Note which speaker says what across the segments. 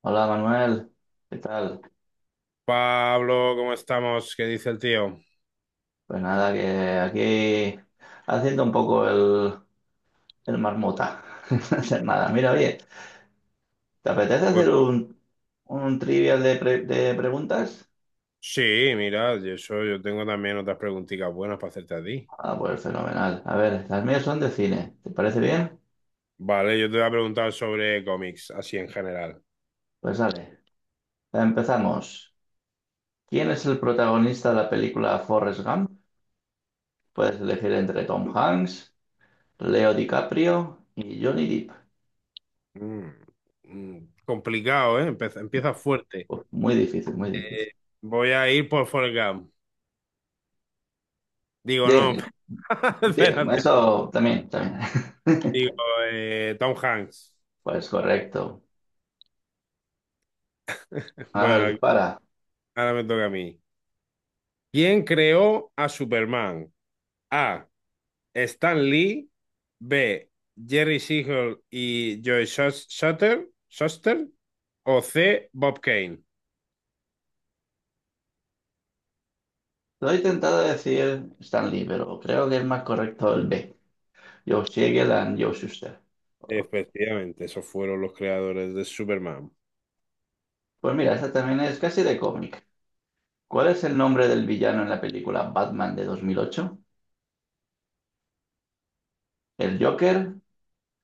Speaker 1: Hola Manuel, ¿qué tal?
Speaker 2: Pablo, ¿cómo estamos? ¿Qué dice el tío?
Speaker 1: Pues nada, que aquí haciendo un poco el marmota, no hacer nada. Mira, oye, ¿te apetece
Speaker 2: Pues
Speaker 1: hacer un trivial de preguntas?
Speaker 2: sí, mira, yo, eso, yo tengo también otras preguntitas buenas para hacerte a ti.
Speaker 1: Ah, pues fenomenal. A ver, las mías son de cine, ¿te parece bien?
Speaker 2: Vale, yo te voy a preguntar sobre cómics, así en general.
Speaker 1: Pues dale, empezamos. ¿Quién es el protagonista de la película Forrest Gump? Puedes elegir entre Tom Hanks, Leo DiCaprio y Johnny Depp.
Speaker 2: Mm, mm, complicado, ¿eh? Empieza fuerte.
Speaker 1: Uf, muy difícil, muy difícil.
Speaker 2: Eh, Voy a ir por Forrest Gump. Digo,
Speaker 1: Diga,
Speaker 2: no,
Speaker 1: sí,
Speaker 2: espérate.
Speaker 1: eso también, también.
Speaker 2: Digo, Tom Hanks.
Speaker 1: Pues correcto. A ver,
Speaker 2: Bueno,
Speaker 1: dispara.
Speaker 2: ahora me toca a mí. ¿Quién creó a Superman? A. Stan Lee, B. Jerry Siegel y Joe Shuster, o C. Bob Kane.
Speaker 1: Estoy tentado de decir Stanley, pero creo que es más correcto el B. Yoshiegal and Joe Shuster.
Speaker 2: Efectivamente, esos fueron los creadores de Superman.
Speaker 1: Pues mira, esta también es casi de cómic. ¿Cuál es el nombre del villano en la película Batman de 2008? ¿El Joker,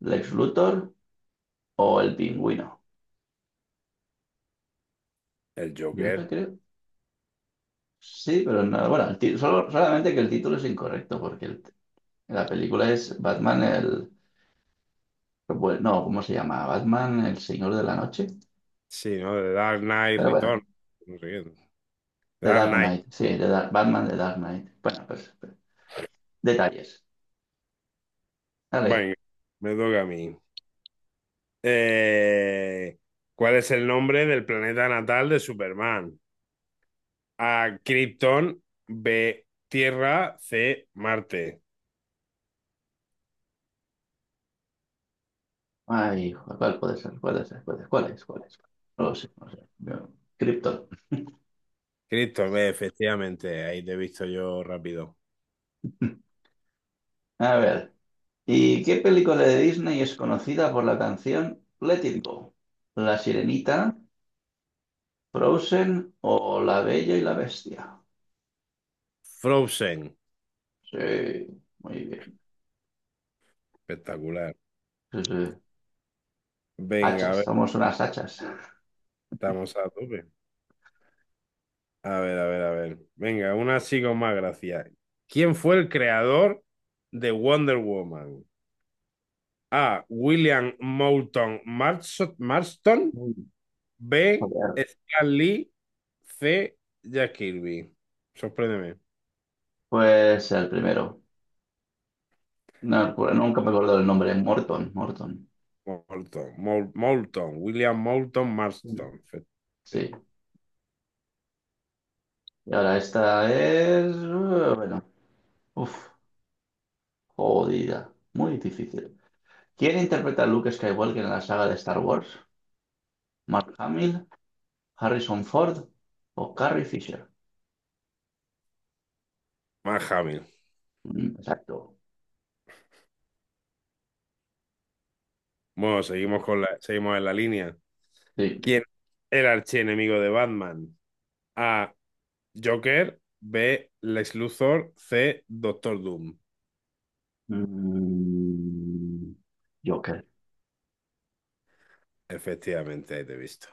Speaker 1: Lex Luthor o el Pingüino?
Speaker 2: El
Speaker 1: Yo eso
Speaker 2: Joker.
Speaker 1: creo. Sí, pero no. Bueno, solo, solamente que el título es incorrecto porque la película es Batman el... Bueno, no, ¿cómo se llama? ¿Batman el Señor de la Noche?
Speaker 2: Sí, ¿no? The Dark Knight
Speaker 1: Pero bueno,
Speaker 2: Return. No sé qué. The
Speaker 1: The
Speaker 2: Dark
Speaker 1: Dark
Speaker 2: Knight.
Speaker 1: Knight, sí, The Dark, Batman, The Dark Knight. Bueno, pues, detalles. Dale.
Speaker 2: Venga, me toca a mí. Eh, ¿Cuál es el nombre del planeta natal de Superman? A. Krypton. B. Tierra. C. Marte.
Speaker 1: Ay, hijo, ¿cuál puede ser? ¿Cuál es? ¿Cuál es? ¿Cuál es? ¿Cuál es? No lo sé, no lo sé. Krypton.
Speaker 2: Cristo, ve, efectivamente, ahí te he visto yo rápido.
Speaker 1: A ver, ¿y qué película de Disney es conocida por la canción Let It Go? ¿La Sirenita, Frozen o La Bella y la Bestia?
Speaker 2: Frozen,
Speaker 1: Sí, muy bien.
Speaker 2: espectacular.
Speaker 1: Sí, sí.
Speaker 2: Venga, a
Speaker 1: Hachas,
Speaker 2: ver,
Speaker 1: somos unas hachas.
Speaker 2: estamos a tope. A ver, a ver, a ver. Venga, una así con más gracia. ¿Quién fue el creador de Wonder Woman? A. William Marston.
Speaker 1: Mm,
Speaker 2: B.
Speaker 1: joder.
Speaker 2: Stan Lee. C. Jack Kirby. Sorpréndeme.
Speaker 1: Pues el primero. No, pues nunca me acuerdo del nombre, Morton, Morton.
Speaker 2: Moulton. Moulton. William Moulton Marston.
Speaker 1: Sí, y ahora esta es... bueno, uf, jodida, muy difícil. ¿Quién interpreta a Luke Skywalker en la saga de Star Wars? ¿Mark Hamill, Harrison Ford o Carrie Fisher?
Speaker 2: Mark Hamill.
Speaker 1: Exacto,
Speaker 2: Bueno, seguimos en la línea.
Speaker 1: sí.
Speaker 2: ¿Quién es el archienemigo de Batman? A. Joker. B. Lex Luthor. C. Doctor Doom.
Speaker 1: Mm, Joker.
Speaker 2: Efectivamente, ahí te he visto.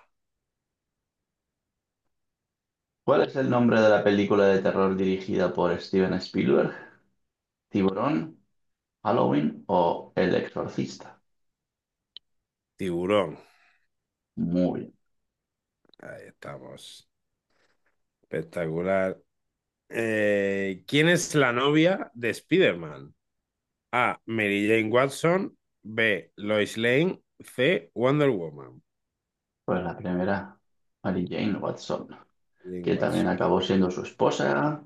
Speaker 1: ¿Cuál es el nombre de la película de terror dirigida por Steven Spielberg? ¿Tiburón, Halloween o El Exorcista?
Speaker 2: Tiburón.
Speaker 1: Muy bien.
Speaker 2: Ahí estamos. Espectacular. ¿Quién es la novia de Spider-Man? A. Mary Jane Watson. B. Lois Lane. C. Wonder Woman.
Speaker 1: Pues la primera, Mary Jane Watson,
Speaker 2: Jane
Speaker 1: que también
Speaker 2: Watson.
Speaker 1: acabó siendo su esposa,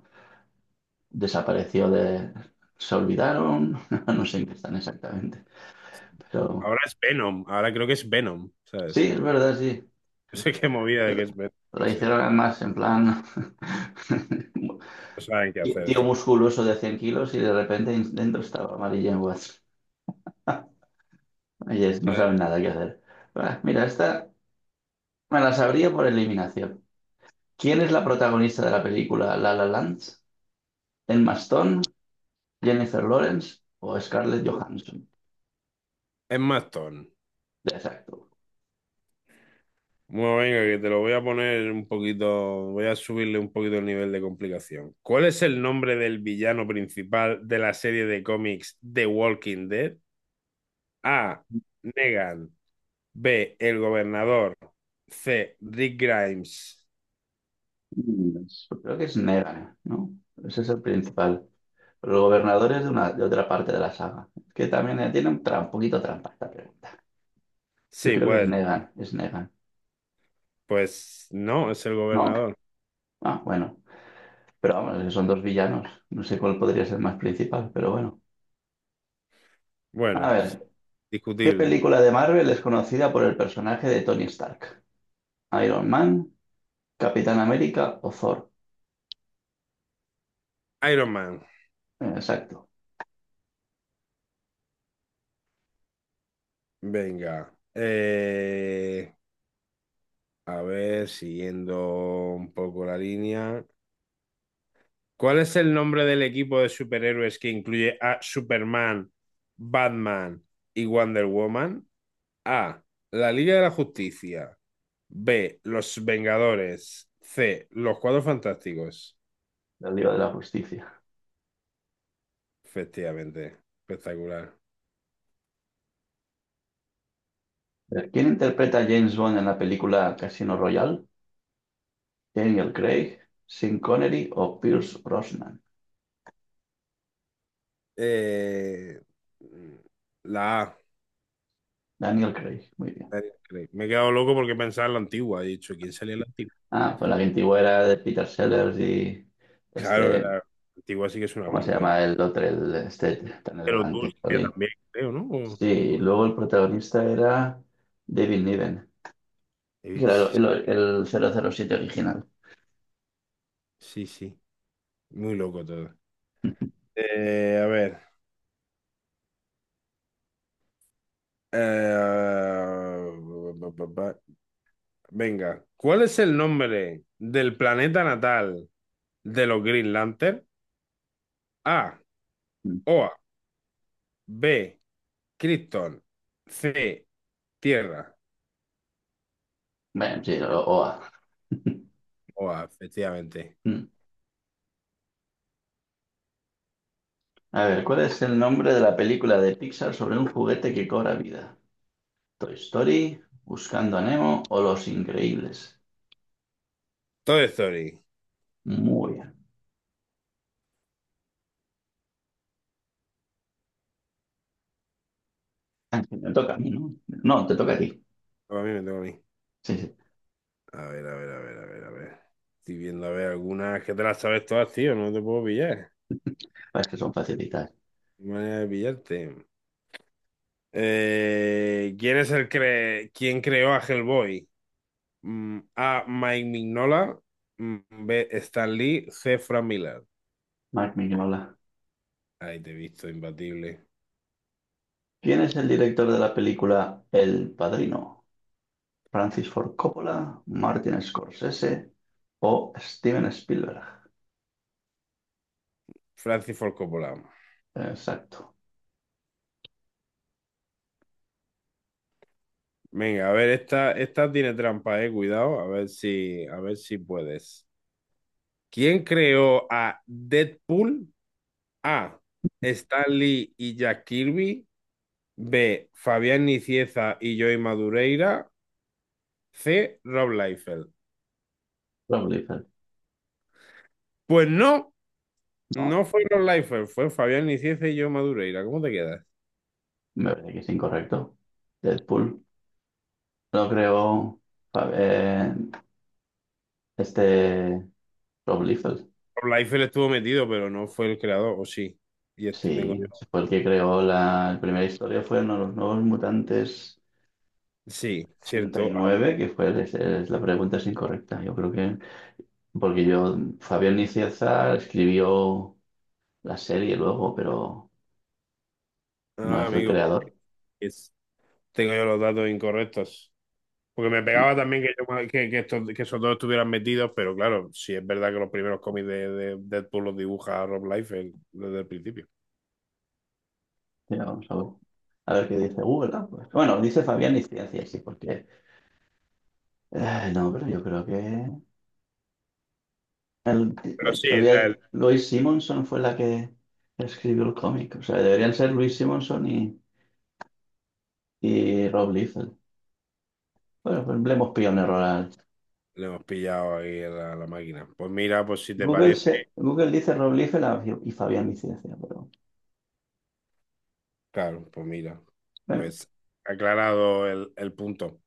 Speaker 1: desapareció de... se olvidaron, no sé en qué están exactamente, pero
Speaker 2: Ahora es Venom. Ahora creo que es Venom,
Speaker 1: sí,
Speaker 2: ¿sabes?
Speaker 1: es verdad, sí.
Speaker 2: No sé qué movida de que es
Speaker 1: La
Speaker 2: Venom.
Speaker 1: hicieron además en plan
Speaker 2: No saben qué
Speaker 1: tío
Speaker 2: hacer
Speaker 1: tío
Speaker 2: esto.
Speaker 1: musculoso de 100 kilos y de repente dentro estaba Mary Watts. Y no saben nada que hacer. Ah, mira, esta me la sabría por eliminación. ¿Quién es la protagonista de la película La La Land? ¿Emma Stone, Jennifer Lawrence o Scarlett Johansson?
Speaker 2: Es más ton.
Speaker 1: Exacto.
Speaker 2: Bueno, venga, que te lo voy a poner un poquito, voy a subirle un poquito el nivel de complicación. ¿Cuál es el nombre del villano principal de la serie de cómics The Walking Dead? A. Negan. B. El gobernador. C. Rick Grimes.
Speaker 1: Mm, yo creo que es Negan, ¿no? Ese es el principal. El gobernador es de otra parte de la saga. Que también tiene un poquito trampa esta pregunta. Yo
Speaker 2: Sí,
Speaker 1: creo que es
Speaker 2: pues,
Speaker 1: Negan, es Negan.
Speaker 2: pues no, es el
Speaker 1: ¿No?
Speaker 2: gobernador.
Speaker 1: Ah, bueno. Pero vamos, que son dos villanos. No sé cuál podría ser más principal, pero bueno. A
Speaker 2: Bueno,
Speaker 1: ver, ¿qué
Speaker 2: discutible.
Speaker 1: película de Marvel es conocida por el personaje de Tony Stark? ¿Iron Man, Capitán América o Thor?
Speaker 2: Iron Man.
Speaker 1: Exacto,
Speaker 2: Venga. A ver, siguiendo un poco la línea. ¿Cuál es el nombre del equipo de superhéroes que incluye a Superman, Batman y Wonder Woman? A. La Liga de la Justicia. B. Los Vengadores. C. Los Cuatro Fantásticos.
Speaker 1: la Liga de la Justicia.
Speaker 2: Efectivamente. Espectacular.
Speaker 1: A ver, ¿quién interpreta a James Bond en la película Casino Royale? ¿Daniel Craig, Sean Connery o Pierce Brosnan?
Speaker 2: Eh, la A.
Speaker 1: Daniel Craig, muy bien.
Speaker 2: Me he quedado loco porque pensaba en la antigua. He dicho, ¿quién salía en la antigua?
Speaker 1: Ah, pues la que antigua era de Peter Sellers y
Speaker 2: Claro,
Speaker 1: este,
Speaker 2: la antigua sí que es una
Speaker 1: ¿cómo se
Speaker 2: locura,
Speaker 1: llama el otro, este tan
Speaker 2: de los
Speaker 1: elegante?
Speaker 2: dulces
Speaker 1: Jolín.
Speaker 2: también, creo, ¿no?
Speaker 1: Sí,
Speaker 2: O-
Speaker 1: luego el protagonista era David Niven, que era
Speaker 2: sí,
Speaker 1: el 007 original.
Speaker 2: sí, sí. Muy loco todo. A ver. eh, ba, ba, ba. Venga, ¿cuál es el nombre del planeta natal de los Green Lantern? A,
Speaker 1: Mm.
Speaker 2: Oa, B, Krypton, C, Tierra.
Speaker 1: Bueno, sí, OA.
Speaker 2: Oa, efectivamente.
Speaker 1: Mm. A ver, ¿cuál es el nombre de la película de Pixar sobre un juguete que cobra vida? ¿Toy Story, Buscando a Nemo o Los Increíbles?
Speaker 2: Toy Story.
Speaker 1: Muy bien. Ah, sí, me toca a mí, ¿no? No, te toca a ti.
Speaker 2: A mí me toca a mí.
Speaker 1: Sí, sí.
Speaker 2: A ver, a ver, a ver, a ver, a ver. Estoy viendo, a ver, algunas que te las sabes todas, tío, no te puedo pillar.
Speaker 1: Ah, es que son facilitas.
Speaker 2: Manera de pillarte. ¿Quién creó a Hellboy? A. Mike Mignola. Mm, B. Stan Lee. C. Frank Miller.
Speaker 1: Mark Mignola.
Speaker 2: Ahí te he visto, imbatible.
Speaker 1: ¿Quién es el director de la película El Padrino? ¿Francis Ford Coppola, Martin Scorsese o Steven Spielberg?
Speaker 2: Francis Ford Coppola.
Speaker 1: Exacto.
Speaker 2: Venga, a ver, esta tiene trampa, eh. Cuidado, a ver si puedes. ¿Quién creó a Deadpool? A. Stan Lee y Jack Kirby. B. Fabián Nicieza y Joey Madureira. C. Rob Liefeld.
Speaker 1: Prolifer.
Speaker 2: Pues no,
Speaker 1: No,
Speaker 2: no fue Rob Liefeld, fue Fabián Nicieza y yo Madureira. ¿Cómo te quedas?
Speaker 1: me parece que es incorrecto. Deadpool. No creo. Fa- eh, este. Rob Liefeld.
Speaker 2: Rob Liefeld estuvo metido, pero no fue el creador, o sí. Y este tengo
Speaker 1: Sí,
Speaker 2: yo.
Speaker 1: fue el que creó la primera historia. Fueron los nuevos mutantes.
Speaker 2: Sí,
Speaker 1: ochenta y
Speaker 2: cierto.
Speaker 1: nueve que la pregunta es incorrecta. Yo creo que, porque yo, Fabián Nicieza escribió la serie luego, pero no
Speaker 2: Ah,
Speaker 1: es el
Speaker 2: amigo, pues,
Speaker 1: creador.
Speaker 2: es- tengo yo los datos incorrectos. Porque me pegaba también que, que estos, que esos dos estuvieran metidos, pero claro, sí es verdad que los primeros cómics de Deadpool los dibuja Rob Liefeld desde el principio.
Speaker 1: Mira, vamos a ver. A ver qué dice Google. Ah, pues. Bueno, dice Fabián Nicieza, sí, porque... no, pero yo creo que el- la
Speaker 2: Pero sí,
Speaker 1: historia... Louise Simonson fue la que escribió el cómic. O sea, deberían ser Louise Simonson y Rob Liefeld. Bueno, pues le hemos pillado un error al...
Speaker 2: le hemos pillado ahí a la, la máquina. Pues mira, pues si te
Speaker 1: Google,
Speaker 2: parece,
Speaker 1: se, Google dice Rob Liefeld y Fabián Nicieza, pero...
Speaker 2: claro, pues mira,
Speaker 1: Bueno,
Speaker 2: pues aclarado el punto.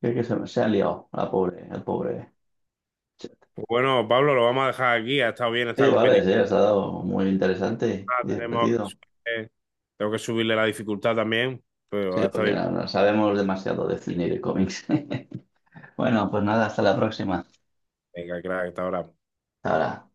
Speaker 1: que se ha liado la pobre, el pobre.
Speaker 2: Pues bueno, Pablo, lo vamos a dejar aquí. Ha estado bien esta
Speaker 1: Sí, vale,
Speaker 2: competición.
Speaker 1: sí, ha estado muy interesante y
Speaker 2: Tenemos que
Speaker 1: divertido.
Speaker 2: subirle- Tengo que subirle la dificultad también, pero
Speaker 1: Sí,
Speaker 2: ha estado
Speaker 1: porque
Speaker 2: bien.
Speaker 1: no, no sabemos demasiado de cine y de cómics. Bueno, pues nada, hasta la próxima.
Speaker 2: Venga, claro, hasta ahora.
Speaker 1: Hasta ahora.